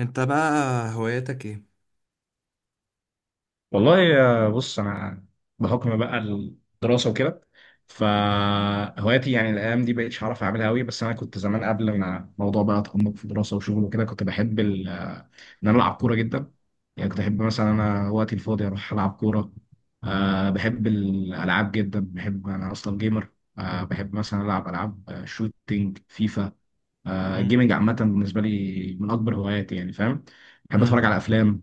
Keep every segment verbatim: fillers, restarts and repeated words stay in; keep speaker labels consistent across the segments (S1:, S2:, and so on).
S1: انت بقى، هواياتك ايه؟
S2: والله، آه، بص انا بحكم بقى الدراسه وكده، فهواياتي يعني الايام دي بقيتش عارف اعملها قوي. بس انا كنت زمان قبل ما الموضوع بقى اتعمق في دراسه وشغل وكده كنت بحب ال- آه، ان انا العب كوره جدا. يعني كنت احب مثلا انا وقتي الفاضي اروح العب كوره. أه بحب الالعاب جدا، بحب انا اصلا جيمر. أه بحب مثلا العب العاب آه، شوتينج، فيفا. أه
S1: مم.
S2: الجيمنج عامه بالنسبه لي من اكبر هواياتي، يعني فاهم؟ بحب
S1: مم.
S2: اتفرج على افلام.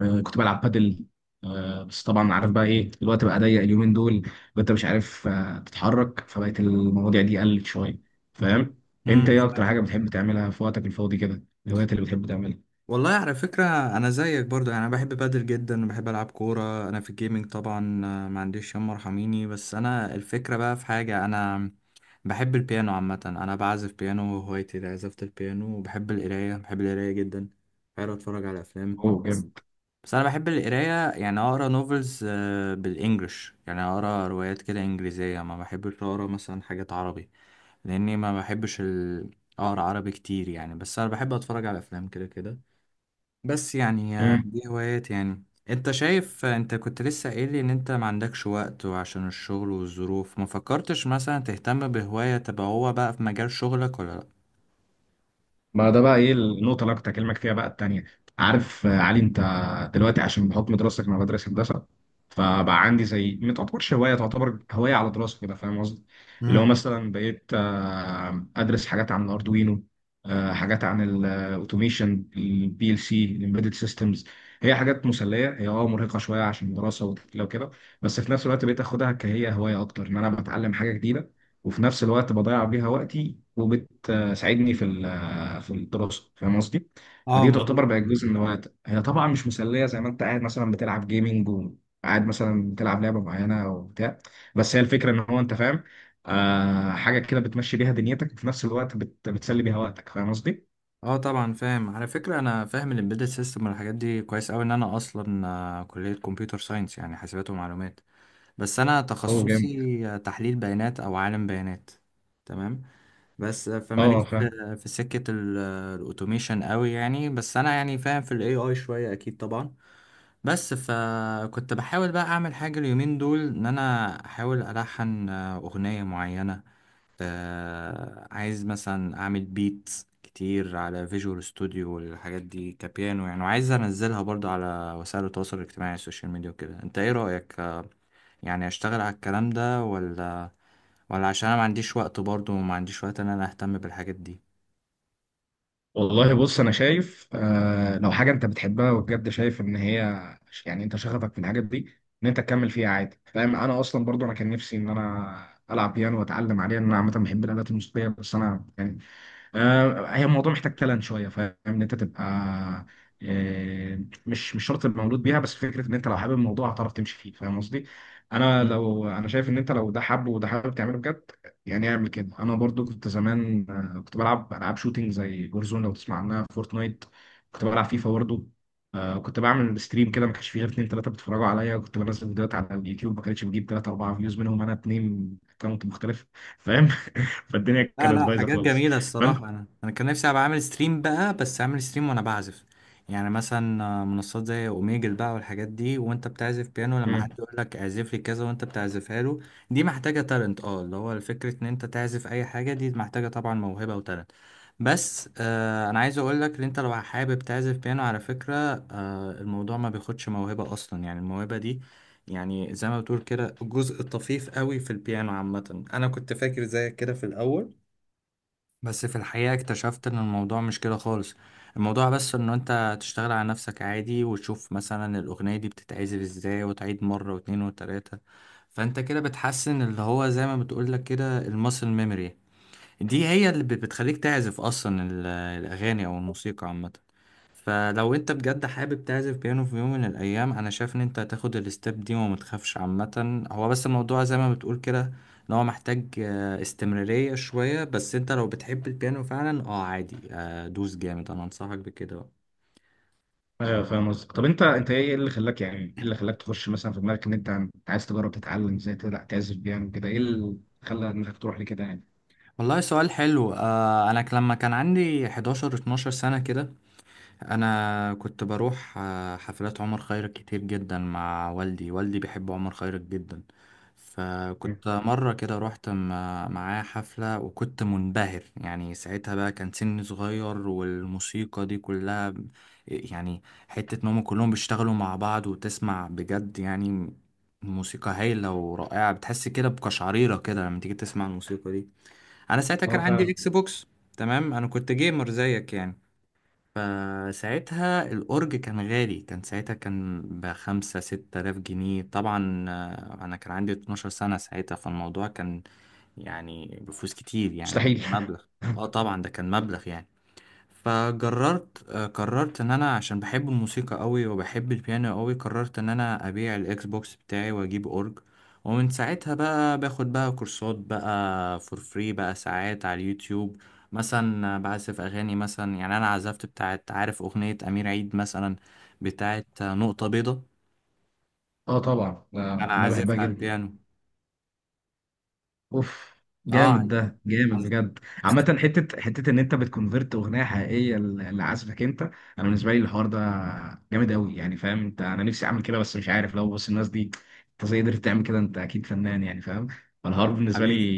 S2: آه، كنت بلعب بادل. آه، بس طبعا عارف بقى ايه، الوقت بقى ضيق اليومين دول، وانت مش عارف آه، تتحرك، فبقت المواضيع دي قلت شويه، فاهم؟ انت
S1: مم.
S2: ايه اكتر حاجه بتحب تعملها في وقتك الفاضي كده، الهوايات اللي بتحب تعملها؟
S1: والله، على فكرة أنا زيك برضه. يعني أنا بحب بادل جدا وبحب ألعب كورة. أنا في الجيمنج طبعا آه، ما عنديش، يما ارحميني. بس أنا الفكرة بقى في حاجة، أنا بحب البيانو عامة. أنا بعزف بيانو وهوايتي عزفة البيانو، وبحب القراية، بحب القراية جدا. بحب أتفرج على أفلام.
S2: اوه، جامد.
S1: بس أنا بحب القراية، يعني أقرأ نوفلز بالإنجلش. يعني أقرأ روايات كده إنجليزية، ما بحبش أقرأ مثلا حاجات عربي، لاني ما بحبش ال- اقرا عربي كتير. يعني بس انا بحب اتفرج على افلام كده كده. بس يعني آه، دي هوايات يعني. انت شايف آه، انت كنت لسه قايل لي ان انت ما عندكش وقت، وعشان الشغل والظروف ما فكرتش مثلا تهتم بهواية تبقى هو بقى في مجال شغلك، ولا لا؟
S2: ما ده بقى ايه النقطة اللي أنا كنت هكلمك فيها بقى التانية. عارف آه، علي أنت؟ دلوقتي عشان بحكم دراستك، أنا بدرس هندسة، فبقى عندي زي ما تعتبرش هواية، تعتبر هواية على دراسة كده، فاهم قصدي؟ اللي هو
S1: امم.
S2: مثلا بقيت آه، أدرس حاجات عن الأردوينو، آه، حاجات عن الأوتوميشن، البي ال سي، الإمبيدد سيستمز. هي حاجات مسلية، هي اه مرهقة شوية عشان دراسة وتقيلة وكده، بس في نفس الوقت بقيت أخدها كهي هواية أكتر، إن أنا بتعلم حاجة جديدة وفي نفس الوقت بضيع بيها وقتي، وبتساعدني في آه، في الدراسه، فاهم قصدي؟
S1: اه
S2: فدي تعتبر
S1: مظبوط.
S2: بقت جزء من هواياتك. هي طبعا مش مسليه زي ما انت قاعد مثلا بتلعب جيمنج وقاعد مثلا بتلعب لعبه معينه او بتاع، بس هي الفكره ان هو انت فاهم، آه حاجه كده بتمشي بيها دنيتك وفي نفس الوقت بت... بتسلي بيها وقتك، فاهم قصدي؟
S1: اه طبعا فاهم، على فكرة انا فاهم الامبيدد سيستم والحاجات دي كويس قوي، ان انا اصلا آه، كلية كمبيوتر ساينس يعني حاسبات ومعلومات. بس انا
S2: هو جامد.
S1: تخصصي آه، تحليل بيانات او عالم بيانات. تمام. بس
S2: اه،
S1: فماليش
S2: فاهم.
S1: في في سكة ال- الاوتوميشن قوي يعني. بس انا يعني فاهم في الاي اي شوية، اكيد طبعا. بس فكنت بحاول بقى اعمل حاجة اليومين دول، ان انا احاول الحن اغنية معينة. آه، عايز مثلا اعمل بيت كتير على فيجوال ستوديو والحاجات دي كبيانو يعني، وعايز انزلها برضه على وسائل التواصل الاجتماعي السوشيال ميديا وكده. انت ايه رأيك؟ آه، يعني اشتغل على الكلام ده ولا ولا؟ عشان انا ما عنديش وقت برضه، وما عنديش وقت ان انا اهتم بالحاجات دي.
S2: والله بص، انا شايف آه لو حاجه انت بتحبها وبجد شايف ان هي يعني انت شغفك في الحاجات دي، ان انت تكمل فيها عادي، فاهم؟ انا اصلا برضو انا كان نفسي ان انا العب بيانو واتعلم عليه، ان انا عامه بحب الالات الموسيقيه، بس انا يعني آه، هي الموضوع محتاج تالنت شويه، فاهم؟ ان انت تبقى آه، مش مش شرط تبقى مولود بيها، بس فكره ان انت لو حابب الموضوع هتعرف تمشي فيه، فاهم قصدي؟ انا لو انا شايف ان انت لو ده حابه وده حابب تعمله بجد، يعني اعمل كده. انا برضو كنت زمان، آه، كنت بلعب العاب شوتينج زي جورزون لو تسمع عنها، فورتنايت. كنت بلعب فيفا برضو. آه، كنت بعمل ستريم كده، ما كانش فيه غير اتنين تلاته بيتفرجوا عليا. كنت بنزل فيديوهات على اليوتيوب، ما كانتش بجيب تلاته اربعه فيوز، منهم انا اتنين اكونت مختلف، فاهم؟ فالدنيا
S1: لا
S2: كانت
S1: لا،
S2: بايظه
S1: حاجات
S2: خالص.
S1: جميلة الصراحة. أنا أنا كان نفسي أبقى عامل ستريم بقى، بس عامل ستريم وأنا بعزف. يعني مثلا آه، منصات زي أوميجل بقى والحاجات دي، وأنت بتعزف بيانو لما حد
S2: امم.
S1: يقول لك اعزف لي كذا وأنت بتعزفها له. دي محتاجة تالنت، أه اللي هو فكرة إن أنت تعزف أي حاجة دي محتاجة طبعا موهبة وتالنت. بس آه، أنا عايز أقول لك إن أنت لو حابب تعزف بيانو، على فكرة آه الموضوع ما بياخدش موهبة أصلا. يعني الموهبة دي، يعني زي ما بتقول كده، جزء طفيف قوي في البيانو عامة. أنا كنت فاكر زيك كده في الأول، بس في الحقيقة اكتشفت ان الموضوع مش كده خالص. الموضوع بس انه انت تشتغل على نفسك عادي، وتشوف مثلا الاغنية دي بتتعزف ازاي، وتعيد مرة واتنين وتلاتة. فانت كده بتحسن اللي هو زي ما بتقولك كده الماسل ميموري. دي هي اللي بت- بتخليك تعزف اصلا ال- الاغاني او الموسيقى عامة. فلو انت بجد حابب تعزف بيانو في يوم من الايام، انا شايف ان انت هتاخد الستيب دي وما تخافش. عامه هو بس الموضوع زي ما بتقول كده، ان هو محتاج آه، استمراريه شويه. بس انت لو بتحب البيانو فعلا، اه عادي آه، دوس جامد، انا انصحك بكده بقى.
S2: ايوه فاهم قصدك. طب انت انت ايه اللي خلاك، يعني ايه اللي خلاك تخش مثلا في دماغك ان انت عن- عايز تجرب تتعلم ازاي تلع- تعزف بيانو كده، ايه اللي خلى دماغك تروح لكده يعني؟
S1: والله سؤال حلو. آه، انا ك- لما كان عندي احداشر اتناشر سنه كده، انا كنت بروح آه، حفلات عمر خيرت كتير جدا مع والدي. والدي بيحب عمر خيرت جدا.
S2: مم.
S1: فكنت مرة كده رحت م- معاه حفلة، وكنت منبهر. يعني ساعتها بقى كان سني صغير، والموسيقى دي كلها ب- يعني حتة ان هم كلهم بيشتغلوا مع بعض وتسمع بجد يعني موسيقى هايلة ورائعة. بتحس كده بقشعريرة كده لما تيجي تسمع الموسيقى دي. انا ساعتها كان
S2: اه،
S1: عندي
S2: فعلا.
S1: اكس بوكس. تمام، انا كنت جيمر زيك يعني. فساعتها الأورج كان غالي، كان ساعتها كان بخمسة ستة آلاف جنيه طبعا. آه، أنا كان عندي 12 سنة ساعتها، فالموضوع كان يعني بفلوس كتير يعني، ده كان
S2: مستحيل.
S1: مبلغ. اه طبعا ده كان مبلغ يعني. فقررت آه، قررت ان انا عشان بحب الموسيقى قوي وبحب البيانو قوي، قررت ان انا ابيع الاكس بوكس بتاعي واجيب اورج. ومن ساعتها بقى باخد بقى كورسات بقى فور فري بقى ساعات على اليوتيوب. مثلا بعزف اغاني مثلا. يعني انا عزفت بتاعت، عارف اغنية امير عيد مثلا، بتاعت نقطة بيضة؟
S2: اه طبعا، آه،
S1: انا
S2: انا بحبها
S1: عازفها على
S2: جدا.
S1: البيانو.
S2: اوف. جامد،
S1: اه
S2: ده جامد
S1: عزف.
S2: بجد. عامة، حتة حتة ان انت بتكونفرت اغنية حقيقية ل- لعزفك انت، انا بالنسبة لي الحوار ده جامد قوي، يعني فاهم؟ انت، انا نفسي اعمل كده بس مش عارف. لو بص الناس دي، انت ازاي قدرت تعمل كده؟ انت اكيد فنان، يعني فاهم؟ فالحوار بالنسبة لي
S1: حبيبي.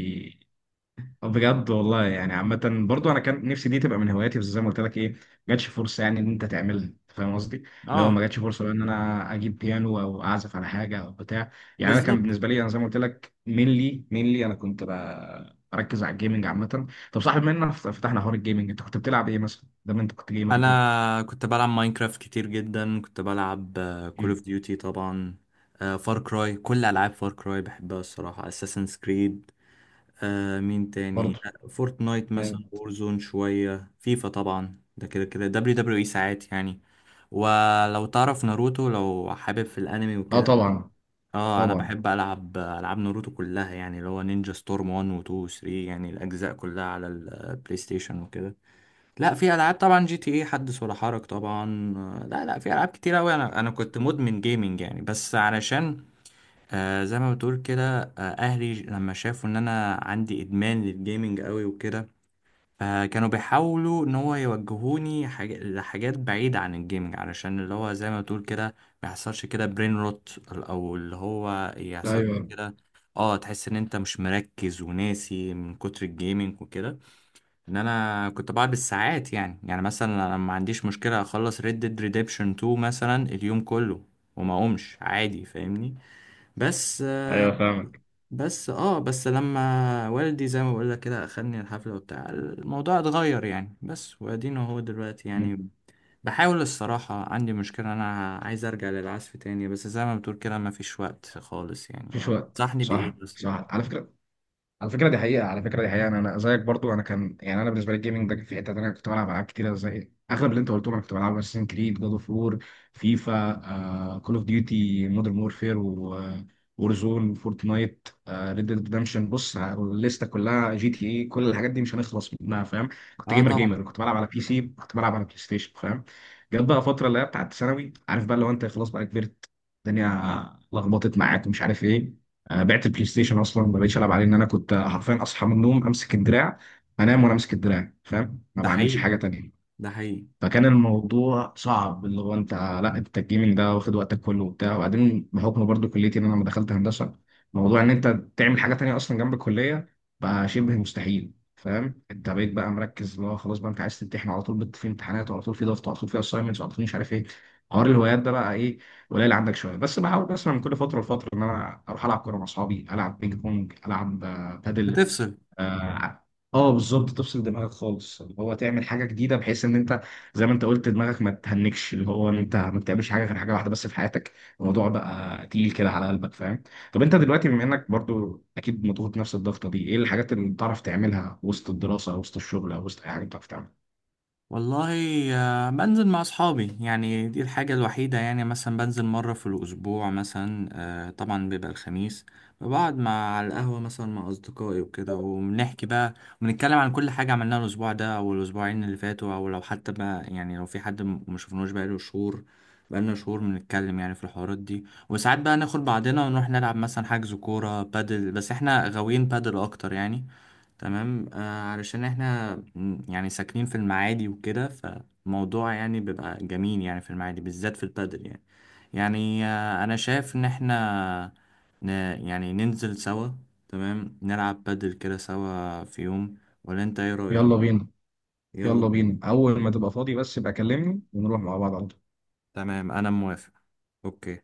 S2: بجد والله، يعني عامة برضو انا كان نفسي دي تبقى من هواياتي، بس زي ما قلت لك، ايه، ما جاتش فرصة يعني ان انت تعملها، أنت فاهم قصدي؟ لو
S1: اه
S2: ما جاتش فرصة بقى ان انا اجيب بيانو او اعزف على حاجة او بتاع، يعني انا كان
S1: بالظبط،
S2: بالنسبة لي، انا زي ما قلت لك، مينلي مينلي، انا كنت ب- بركز على الجيمنج عامة. طب صاحب مننا فتحنا حوار الجيمنج، انت كنت بتلعب ايه مثلا؟ ده ما انت كنت جيمر وكده.
S1: انا كنت بلعب ماينكرافت كتير جدا. كنت بلعب كول اوف
S2: مم.
S1: ديوتي طبعا، فار كراي، كل العاب فار كراي بحبها الصراحه، اساسنز كريد. مين تاني؟
S2: برضو.
S1: آه، فورتنايت مثلا،
S2: جامد.
S1: وورزون شويه، فيفا طبعا ده كده كده، دبليو دبليو اي ساعات يعني. ولو تعرف ناروتو، لو حابب في الانمي
S2: اه
S1: وكده،
S2: طبعا.
S1: اه انا
S2: طبعا.
S1: بحب العب العاب ناروتو كلها، يعني اللي هو نينجا ستورم واحد و اتنين و ثلاثة، يعني الاجزاء كلها على البلاي ستيشن وكده. لا في العاب طبعا، جي تي اي حدث ولا حرج طبعا. آه، لا لا، في العاب كتير قوي. انا انا كنت مدمن جيمنج يعني، بس علشان آه زي ما بتقول كده، آه اهلي لما شافوا ان انا عندي ادمان للجيمنج قوي وكده، فكانوا بيحاولوا ان هو يوجهوني حاج... لحاجات بعيدة عن الجيمنج، علشان اللي هو زي ما بتقول كده ما يحصلش كده برين روت، او اللي هو يحصل
S2: ايوه.
S1: كده اه تحس ان انت مش مركز وناسي من كتر الجيمنج وكده. ان انا كنت بقعد بالساعات يعني يعني مثلا انا ما عنديش مشكله اخلص ريد ديد ريديمشن اتنين مثلا اليوم كله، وما اقومش عادي، فاهمني؟ بس آه،
S2: ايوه فاهمك.
S1: بس اه بس لما والدي زي ما بقول لك كده اخدني الحفله وبتاع، الموضوع اتغير يعني. بس وادينا هو دلوقتي
S2: مم.
S1: يعني بحاول. الصراحه عندي مشكله، انا عايز ارجع للعزف تاني، بس زي ما بتقول كده ما فيش وقت خالص يعني.
S2: مفيش وقت،
S1: تنصحني
S2: صح،
S1: بايه بس؟
S2: صح. على فكرة، على فكره دي حقيقه، على فكره دي حقيقه. انا أنا زيك برضو. انا كان، يعني انا بالنسبه لي الجيمنج ده في حته تانيه. كنت بلعب العاب كتيره زي اغلب اللي انت قلتهم. انا كنت بلعب اساسن كريد، جاد اوف وور، فيفا، كول اوف ديوتي مودرن وورفير، وورزون، فورتنايت، ريد ديد ريدمشن. بص الليسته كلها، جي تي اي، كل الحاجات دي مش هنخلص منها، فاهم؟ كنت
S1: اه
S2: جيمر
S1: طبعا،
S2: جيمر، كنت بلعب على بي سي، كنت بلعب على بلاي ستيشن، فاهم؟ جت بقى فتره اللي هي بتاعت ثانوي، عارف بقى، لو انت خلاص بقى كبرت، الدنيا لخبطت معاك ومش عارف ايه. آه، بعت البلاي ستيشن اصلا، ما بقتش العب عليه. ان انا كنت حرفيا اصحى من النوم امسك الدراع، انام وانا امسك الدراع، فاهم؟ ما
S1: ده
S2: بعملش
S1: حقيقي
S2: حاجه تانية.
S1: ده حقيقي.
S2: فكان الموضوع صعب، اللي هو انت، لا انت الجيمنج ده واخد وقتك كله وبتاع. وبعدين بحكم برضو كليتي، ان انا لما دخلت هندسه، موضوع ان انت تعمل حاجه تانية اصلا جنب الكليه بقى شبه مستحيل، فاهم؟ انت بقيت بقى مركز، اللي هو خلاص بقى انت عايز تمتحن على طول، بت- في امتحانات، وعلى طول في ضغط، وعلى طول في اساينمنتس، وعلى طول مش عارف ايه. حوار الهوايات ده بقى ايه، قليل عندك شويه. بس بحاول مثلا من كل فتره لفتره ان انا اروح العب كوره مع اصحابي، العب بينج بونج، العب آه، بادل.
S1: بتفصل.
S2: اه. آه، آه، بالظبط، تفصل دماغك خالص، اللي هو تعمل حاجه جديده بحيث ان انت زي ما انت قلت دماغك ما تهنكش، اللي هو ان انت ما بتعملش حاجه غير حاجه واحده بس في حياتك، الموضوع بقى تقيل كده على قلبك، فاهم؟ طب انت دلوقتي، بما انك برضو اكيد مضغوط نفس الضغطه دي، ايه الحاجات اللي بتعرف تعملها وسط الدراسه او وسط الشغل او وسط اي حاجه بتعرف تعملها؟
S1: والله آه، بنزل مع اصحابي، يعني دي الحاجة الوحيدة. يعني مثلا بنزل مرة في الاسبوع مثلا، آه، طبعا بيبقى الخميس. بقعد مع، على القهوة مثلا مع اصدقائي وكده، وبنحكي بقى ونتكلم عن كل حاجة عملناها الاسبوع ده او الاسبوعين اللي فاتوا، او لو حتى بقى يعني لو في حد م- ما شفناهوش بقاله شهور، بقالنا شهور بنتكلم يعني في الحوارات دي. وساعات بقى ناخد بعضنا ونروح نلعب، مثلا حجز كورة بادل، بس احنا غاويين بادل اكتر يعني. تمام. آه، علشان احنا م- يعني ساكنين في المعادي وكده، فالموضوع يعني بيبقى جميل يعني في المعادي بالذات في البادل يعني. يعني آه انا شايف ان احنا ن، يعني ننزل سوا، تمام، نلعب بادل كده سوا في يوم، ولا انت ايه رأيك؟
S2: يلا بينا.
S1: يلا
S2: يلا
S1: بينا.
S2: بينا، اول ما تبقى فاضي بس يبقى كلمني ونروح مع بعض على طول.
S1: تمام انا موافق. اوكي.